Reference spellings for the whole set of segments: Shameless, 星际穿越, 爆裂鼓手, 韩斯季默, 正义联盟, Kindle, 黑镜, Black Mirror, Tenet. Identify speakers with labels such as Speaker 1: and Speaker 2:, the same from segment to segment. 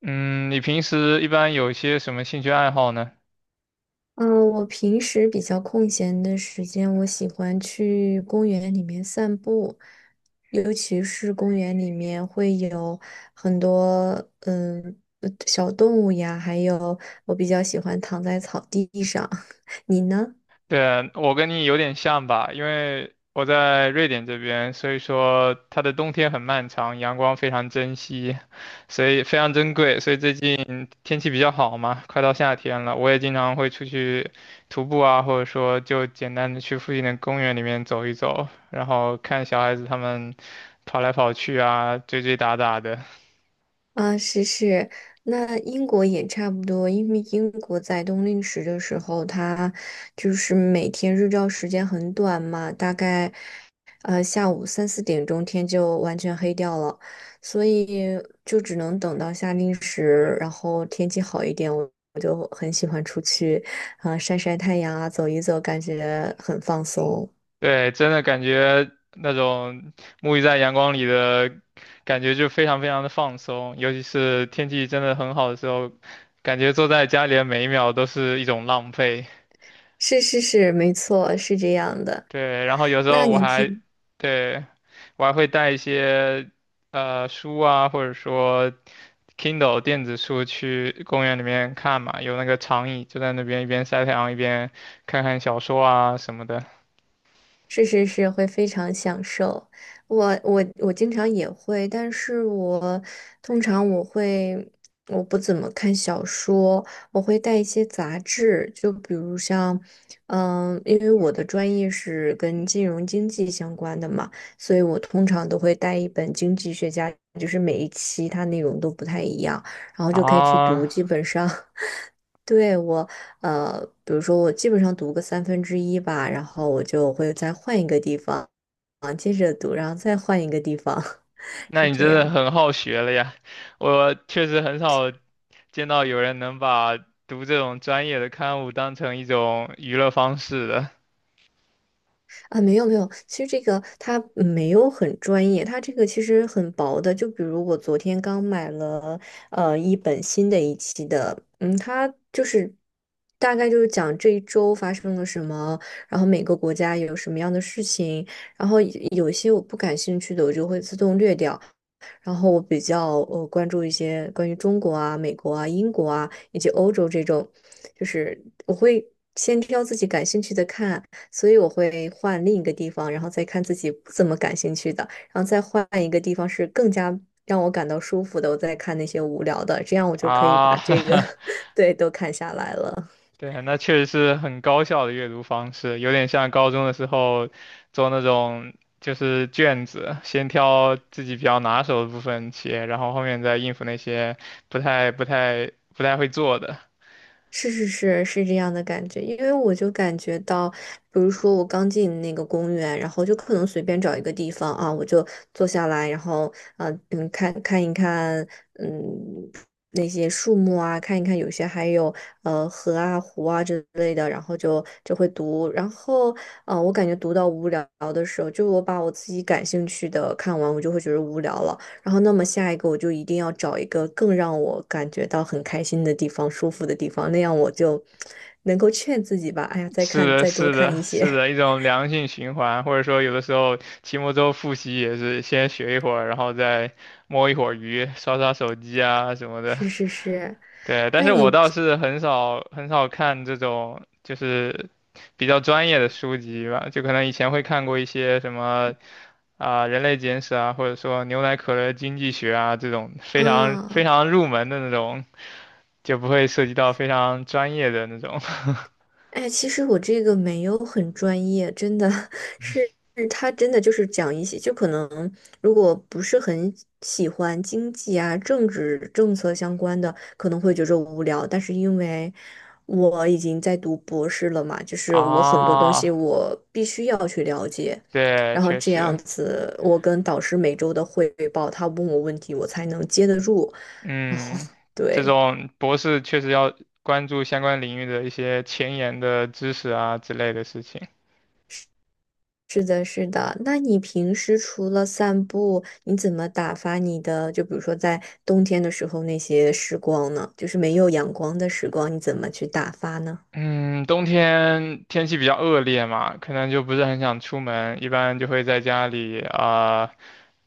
Speaker 1: 嗯，你平时一般有一些什么兴趣爱好呢？
Speaker 2: 嗯，我平时比较空闲的时间，我喜欢去公园里面散步，尤其是公园里面会有很多小动物呀，还有我比较喜欢躺在草地上。你呢？
Speaker 1: 对，我跟你有点像吧，因为我在瑞典这边，所以说它的冬天很漫长，阳光非常珍惜，所以非常珍贵，所以最近天气比较好嘛，快到夏天了，我也经常会出去徒步啊，或者说就简单的去附近的公园里面走一走，然后看小孩子他们跑来跑去啊，追追打打的。
Speaker 2: 啊，是是，那英国也差不多，因为英国在冬令时的时候，它就是每天日照时间很短嘛，大概。下午三四点钟天就完全黑掉了，所以就只能等到夏令时，然后天气好一点，我就很喜欢出去，啊、晒晒太阳啊，走一走，感觉很放松。
Speaker 1: 对，真的感觉那种沐浴在阳光里的感觉就非常非常的放松，尤其是天气真的很好的时候，感觉坐在家里的每一秒都是一种浪费。
Speaker 2: 是是是，没错，是这样的。
Speaker 1: 对，然后有时候
Speaker 2: 那
Speaker 1: 我
Speaker 2: 你
Speaker 1: 还，
Speaker 2: 平
Speaker 1: 对，我还会带一些书啊，或者说 Kindle 电子书去公园里面看嘛，有那个长椅就在那边一边晒太阳一边看看小说啊什么的
Speaker 2: 是是是，会非常享受。我经常也会，但是我通常我会我不怎么看小说，我会带一些杂志，就比如像，嗯，因为我的专业是跟金融经济相关的嘛，所以我通常都会带一本经济学家，就是每一期它内容都不太一样，然后就可以去读，
Speaker 1: 啊。
Speaker 2: 基本上。对我，呃，比如说我基本上读个三分之一吧，然后我就会再换一个地方，接着读，然后再换一个地方，
Speaker 1: 那
Speaker 2: 是
Speaker 1: 你
Speaker 2: 这
Speaker 1: 真的
Speaker 2: 样
Speaker 1: 很好学了呀！我确实很少见到有人能把读这种专业的刊物当成一种娱乐方式的
Speaker 2: 啊？没有没有，其实这个它没有很专业，它这个其实很薄的。就比如我昨天刚买了一本新的一期的，嗯，它就是大概就是讲这一周发生了什么，然后每个国家有什么样的事情，然后有些我不感兴趣的我就会自动略掉。然后我比较关注一些关于中国啊、美国啊、英国啊以及欧洲这种，就是我会先挑自己感兴趣的看，所以我会换另一个地方，然后再看自己不怎么感兴趣的，然后再换一个地方是更加让我感到舒服的，我再看那些无聊的，这样我就可以
Speaker 1: 啊。
Speaker 2: 把这个 对都看下来了。
Speaker 1: 对，那确实是很高效的阅读方式，有点像高中的时候做那种就是卷子，先挑自己比较拿手的部分写，然后后面再应付那些不太会做的。
Speaker 2: 是是是是这样的感觉，因为我就感觉到，比如说我刚进那个公园，然后就可能随便找一个地方啊，我就坐下来，然后看一看嗯那些树木啊，看一看有些还有河啊湖啊之类的，然后就会读，然后啊我感觉读到无聊的时候，就我把我自己感兴趣的看完，我就会觉得无聊了。然后，那么下一个我就一定要找一个更让我感觉到很开心的地方、舒服的地方，那样我就能够劝自己吧。哎呀，再
Speaker 1: 是
Speaker 2: 看，
Speaker 1: 的，
Speaker 2: 再多
Speaker 1: 是
Speaker 2: 看
Speaker 1: 的，
Speaker 2: 一些。
Speaker 1: 是 的，一种良性循环，或者说有的时候期末周复习也是先学一会儿，然后再摸一会儿鱼，刷刷手机啊什么的。
Speaker 2: 是是是，
Speaker 1: 对，但
Speaker 2: 那
Speaker 1: 是
Speaker 2: 你
Speaker 1: 我倒
Speaker 2: 平
Speaker 1: 是很少很少看这种就是比较专业的书籍吧，就可能以前会看过一些什么啊、人类简史》啊，或者说《牛奶可乐经济学》啊这种非常非
Speaker 2: 啊？
Speaker 1: 常入门的那种，就不会涉及到非常专业的那种
Speaker 2: 哎，其实我这个没有很专业，真的 是他真的就是讲一些，就可能如果不是很喜欢经济啊、政治政策相关的，可能会觉着无聊。但是因为我已经在读博士了嘛，就 是我很多东西
Speaker 1: 啊。
Speaker 2: 我必须要去了解，
Speaker 1: 对，
Speaker 2: 然后
Speaker 1: 确
Speaker 2: 这样
Speaker 1: 实。
Speaker 2: 子我跟导师每周的汇报，他问我问题，我才能接得住。然后
Speaker 1: 嗯，这
Speaker 2: 对。
Speaker 1: 种博士确实要关注相关领域的一些前沿的知识啊之类的事情。
Speaker 2: 是的，是的。那你平时除了散步，你怎么打发你的？就比如说在冬天的时候那些时光呢？就是没有阳光的时光，你怎么去打发呢？
Speaker 1: 嗯，冬天天气比较恶劣嘛，可能就不是很想出门，一般就会在家里啊、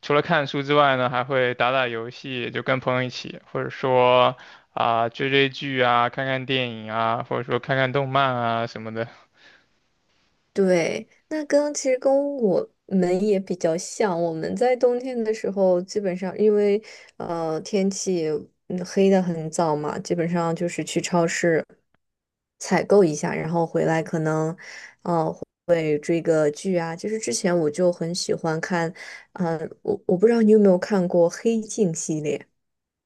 Speaker 1: 除了看书之外呢，还会打打游戏，就跟朋友一起，或者说啊、追追剧啊，看看电影啊，或者说看看动漫啊什么的。
Speaker 2: 对，那跟其实跟我们也比较像。我们在冬天的时候，基本上因为天气嗯黑的很早嘛，基本上就是去超市采购一下，然后回来可能我就很喜欢看，啊，我不知道你有没有看过《黑镜》系列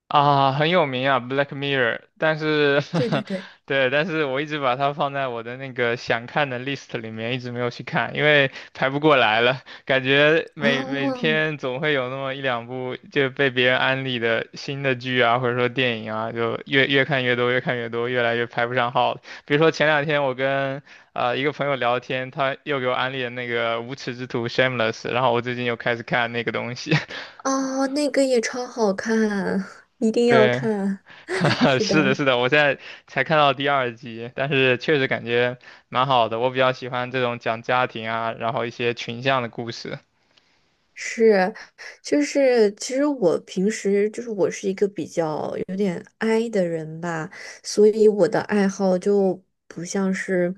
Speaker 1: 啊，很有名啊，《Black Mirror》,但是，
Speaker 2: 对对 对，
Speaker 1: 对，但是我一直把它放在我的那个想看的 list 里面，一直没有去看，因为排不过来了，感觉每每
Speaker 2: 哦
Speaker 1: 天总会有那么一两部就被别人安利的新的剧啊，或者说电影啊，就越看越多，越看越多，越来越排不上号。比如说前两天我跟一个朋友聊天，他又给我安利了那个《无耻之徒》(Shameless),然后我最近又开始看那个东西，
Speaker 2: 哦，那个也超好看，一 定要
Speaker 1: 对。
Speaker 2: 看。是
Speaker 1: 是的，
Speaker 2: 的，
Speaker 1: 是的，我现在才看到第二集，但是确实感觉蛮好的。我比较喜欢这种讲家庭啊，然后一些群像的故事。
Speaker 2: 是，就是其实我平时就是我是一个比较有点 i 的人吧，所以我的爱好就不像是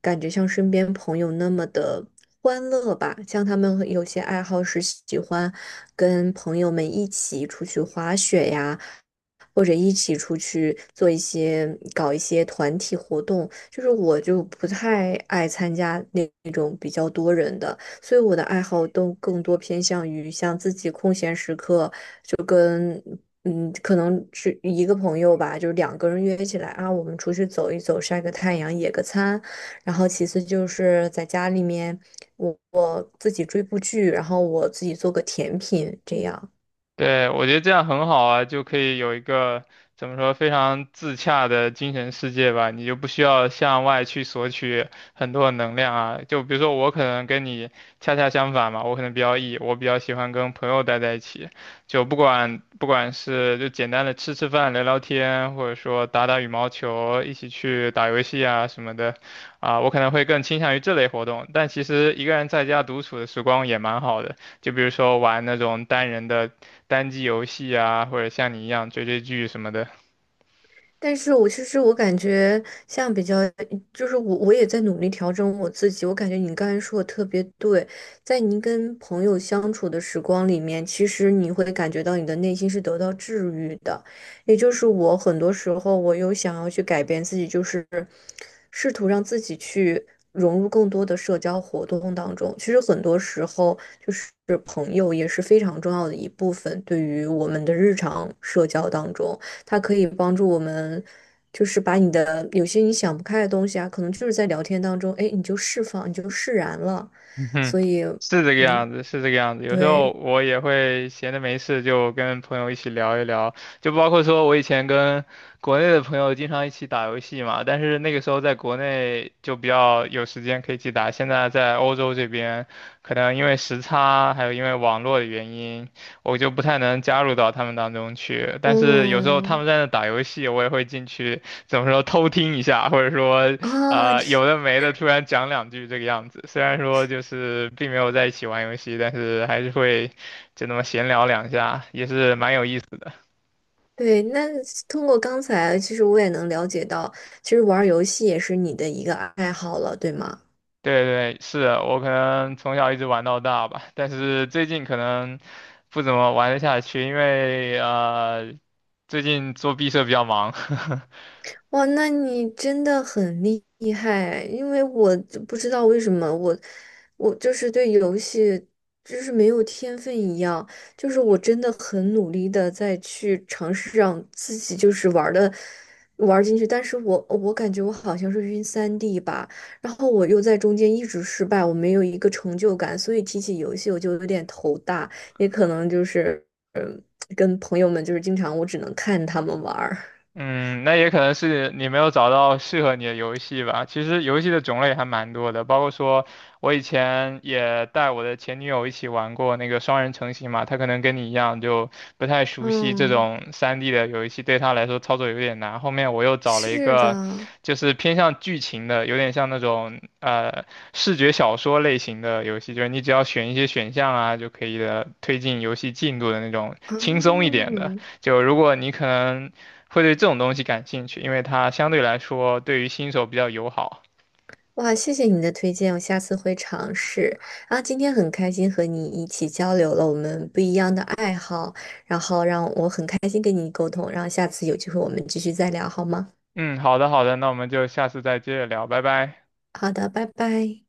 Speaker 2: 感觉像身边朋友那么的欢乐吧，像他们有些爱好是喜欢跟朋友们一起出去滑雪呀。或者一起出去做一些，搞一些团体活动，就是我就不太爱参加那种比较多人的，所以我的爱好都更多偏向于像自己空闲时刻，就跟嗯，可能是一个朋友吧，就是两个人约起来啊，我们出去走一走，晒个太阳，野个餐。然后其次就是在家里面，我自己追部剧，然后我自己做个甜品，这样。
Speaker 1: 对，我觉得这样很好啊，就可以有一个怎么说非常自洽的精神世界吧，你就不需要向外去索取很多的能量啊。就比如说我可能跟你恰恰相反嘛，我可能比较 E,我比较喜欢跟朋友待在一起，就不管是就简单的吃吃饭、聊聊天，或者说打打羽毛球、一起去打游戏啊什么的，啊，我可能会更倾向于这类活动。但其实一个人在家独处的时光也蛮好的。就比如说玩那种单人的单机游戏啊，或者像你一样追追剧什么的。
Speaker 2: 但是我其实我感觉像比较，就是我也在努力调整我自己。我感觉你刚才说的特别对，在你跟朋友相处的时光里面，其实你会感觉到你的内心是得到治愈的。也就是我很多时候，我有想要去改变自己，就是试图让自己去融入更多的社交活动当中。其实很多时候，就是朋友也是非常重要的一部分，对于我们的日常社交当中。它可以帮助我们，就是把你的有些你想不开的东西啊，可能就是在聊天当中，哎，你就释放，你就释然了。
Speaker 1: 嗯哼，
Speaker 2: 所以，
Speaker 1: 是这个
Speaker 2: 嗯，
Speaker 1: 样子，是这个样子。有时候
Speaker 2: 对，
Speaker 1: 我也会闲着没事就跟朋友一起聊一聊，就包括说我以前跟国内的朋友经常一起打游戏嘛，但是那个时候在国内就比较有时间可以去打，现在在欧洲这边，可能因为时差，还有因为网络的原因，我就不太能加入到他们当中去。但是有时候他
Speaker 2: 嗯，
Speaker 1: 们在那打游戏，我也会进去。怎么说偷听一下，或者说
Speaker 2: 啊，
Speaker 1: 啊、
Speaker 2: 这
Speaker 1: 有的没的突然讲两句这个样子。虽然说就是并没有在一起玩游戏，但是还是会就那么闲聊两下，也是蛮有意思的。
Speaker 2: 对，那通过刚才，其实我也能了解到，其实玩儿游戏也是你的一个爱好了，对吗？
Speaker 1: 对对，是我可能从小一直玩到大吧，但是最近可能不怎么玩得下去，因为最近做毕设比较忙。
Speaker 2: 哇，那你真的很厉害，因为我就不知道为什么我就是对游戏就是没有天分一样，就是我真的很努力的在去尝试让自己就是玩的玩进去，但是我感觉我好像是晕三 d 吧，然后我又在中间一直失败，我没有一个成就感，所以提起游戏我就有点头大，也可能就是嗯跟朋友们就是经常我只能看他们玩儿，
Speaker 1: 嗯，那也可能是你没有找到适合你的游戏吧。其实游戏的种类还蛮多的，包括说我以前也带我的前女友一起玩过那个双人成行嘛，她可能跟你一样就不太熟悉这
Speaker 2: 嗯。
Speaker 1: 种3D 的游戏，对她来说操作有点难。后面我又找了一
Speaker 2: 是
Speaker 1: 个
Speaker 2: 的，
Speaker 1: 就是偏向剧情的，有点像那种视觉小说类型的游戏，就是你只要选一些选项啊就可以的推进游戏进度的那种轻松一点的。
Speaker 2: 嗯，
Speaker 1: 就如果你可能会对这种东西感兴趣，因为它相对来说对于新手比较友好。
Speaker 2: 哇，谢谢你的推荐，我下次会尝试。啊，今天很开心和你一起交流了我们不一样的爱好，然后让我很开心跟你沟通，然后下次有机会我们继续再聊好吗？
Speaker 1: 嗯，好的好的，那我们就下次再接着聊，拜拜。
Speaker 2: 好的，拜拜。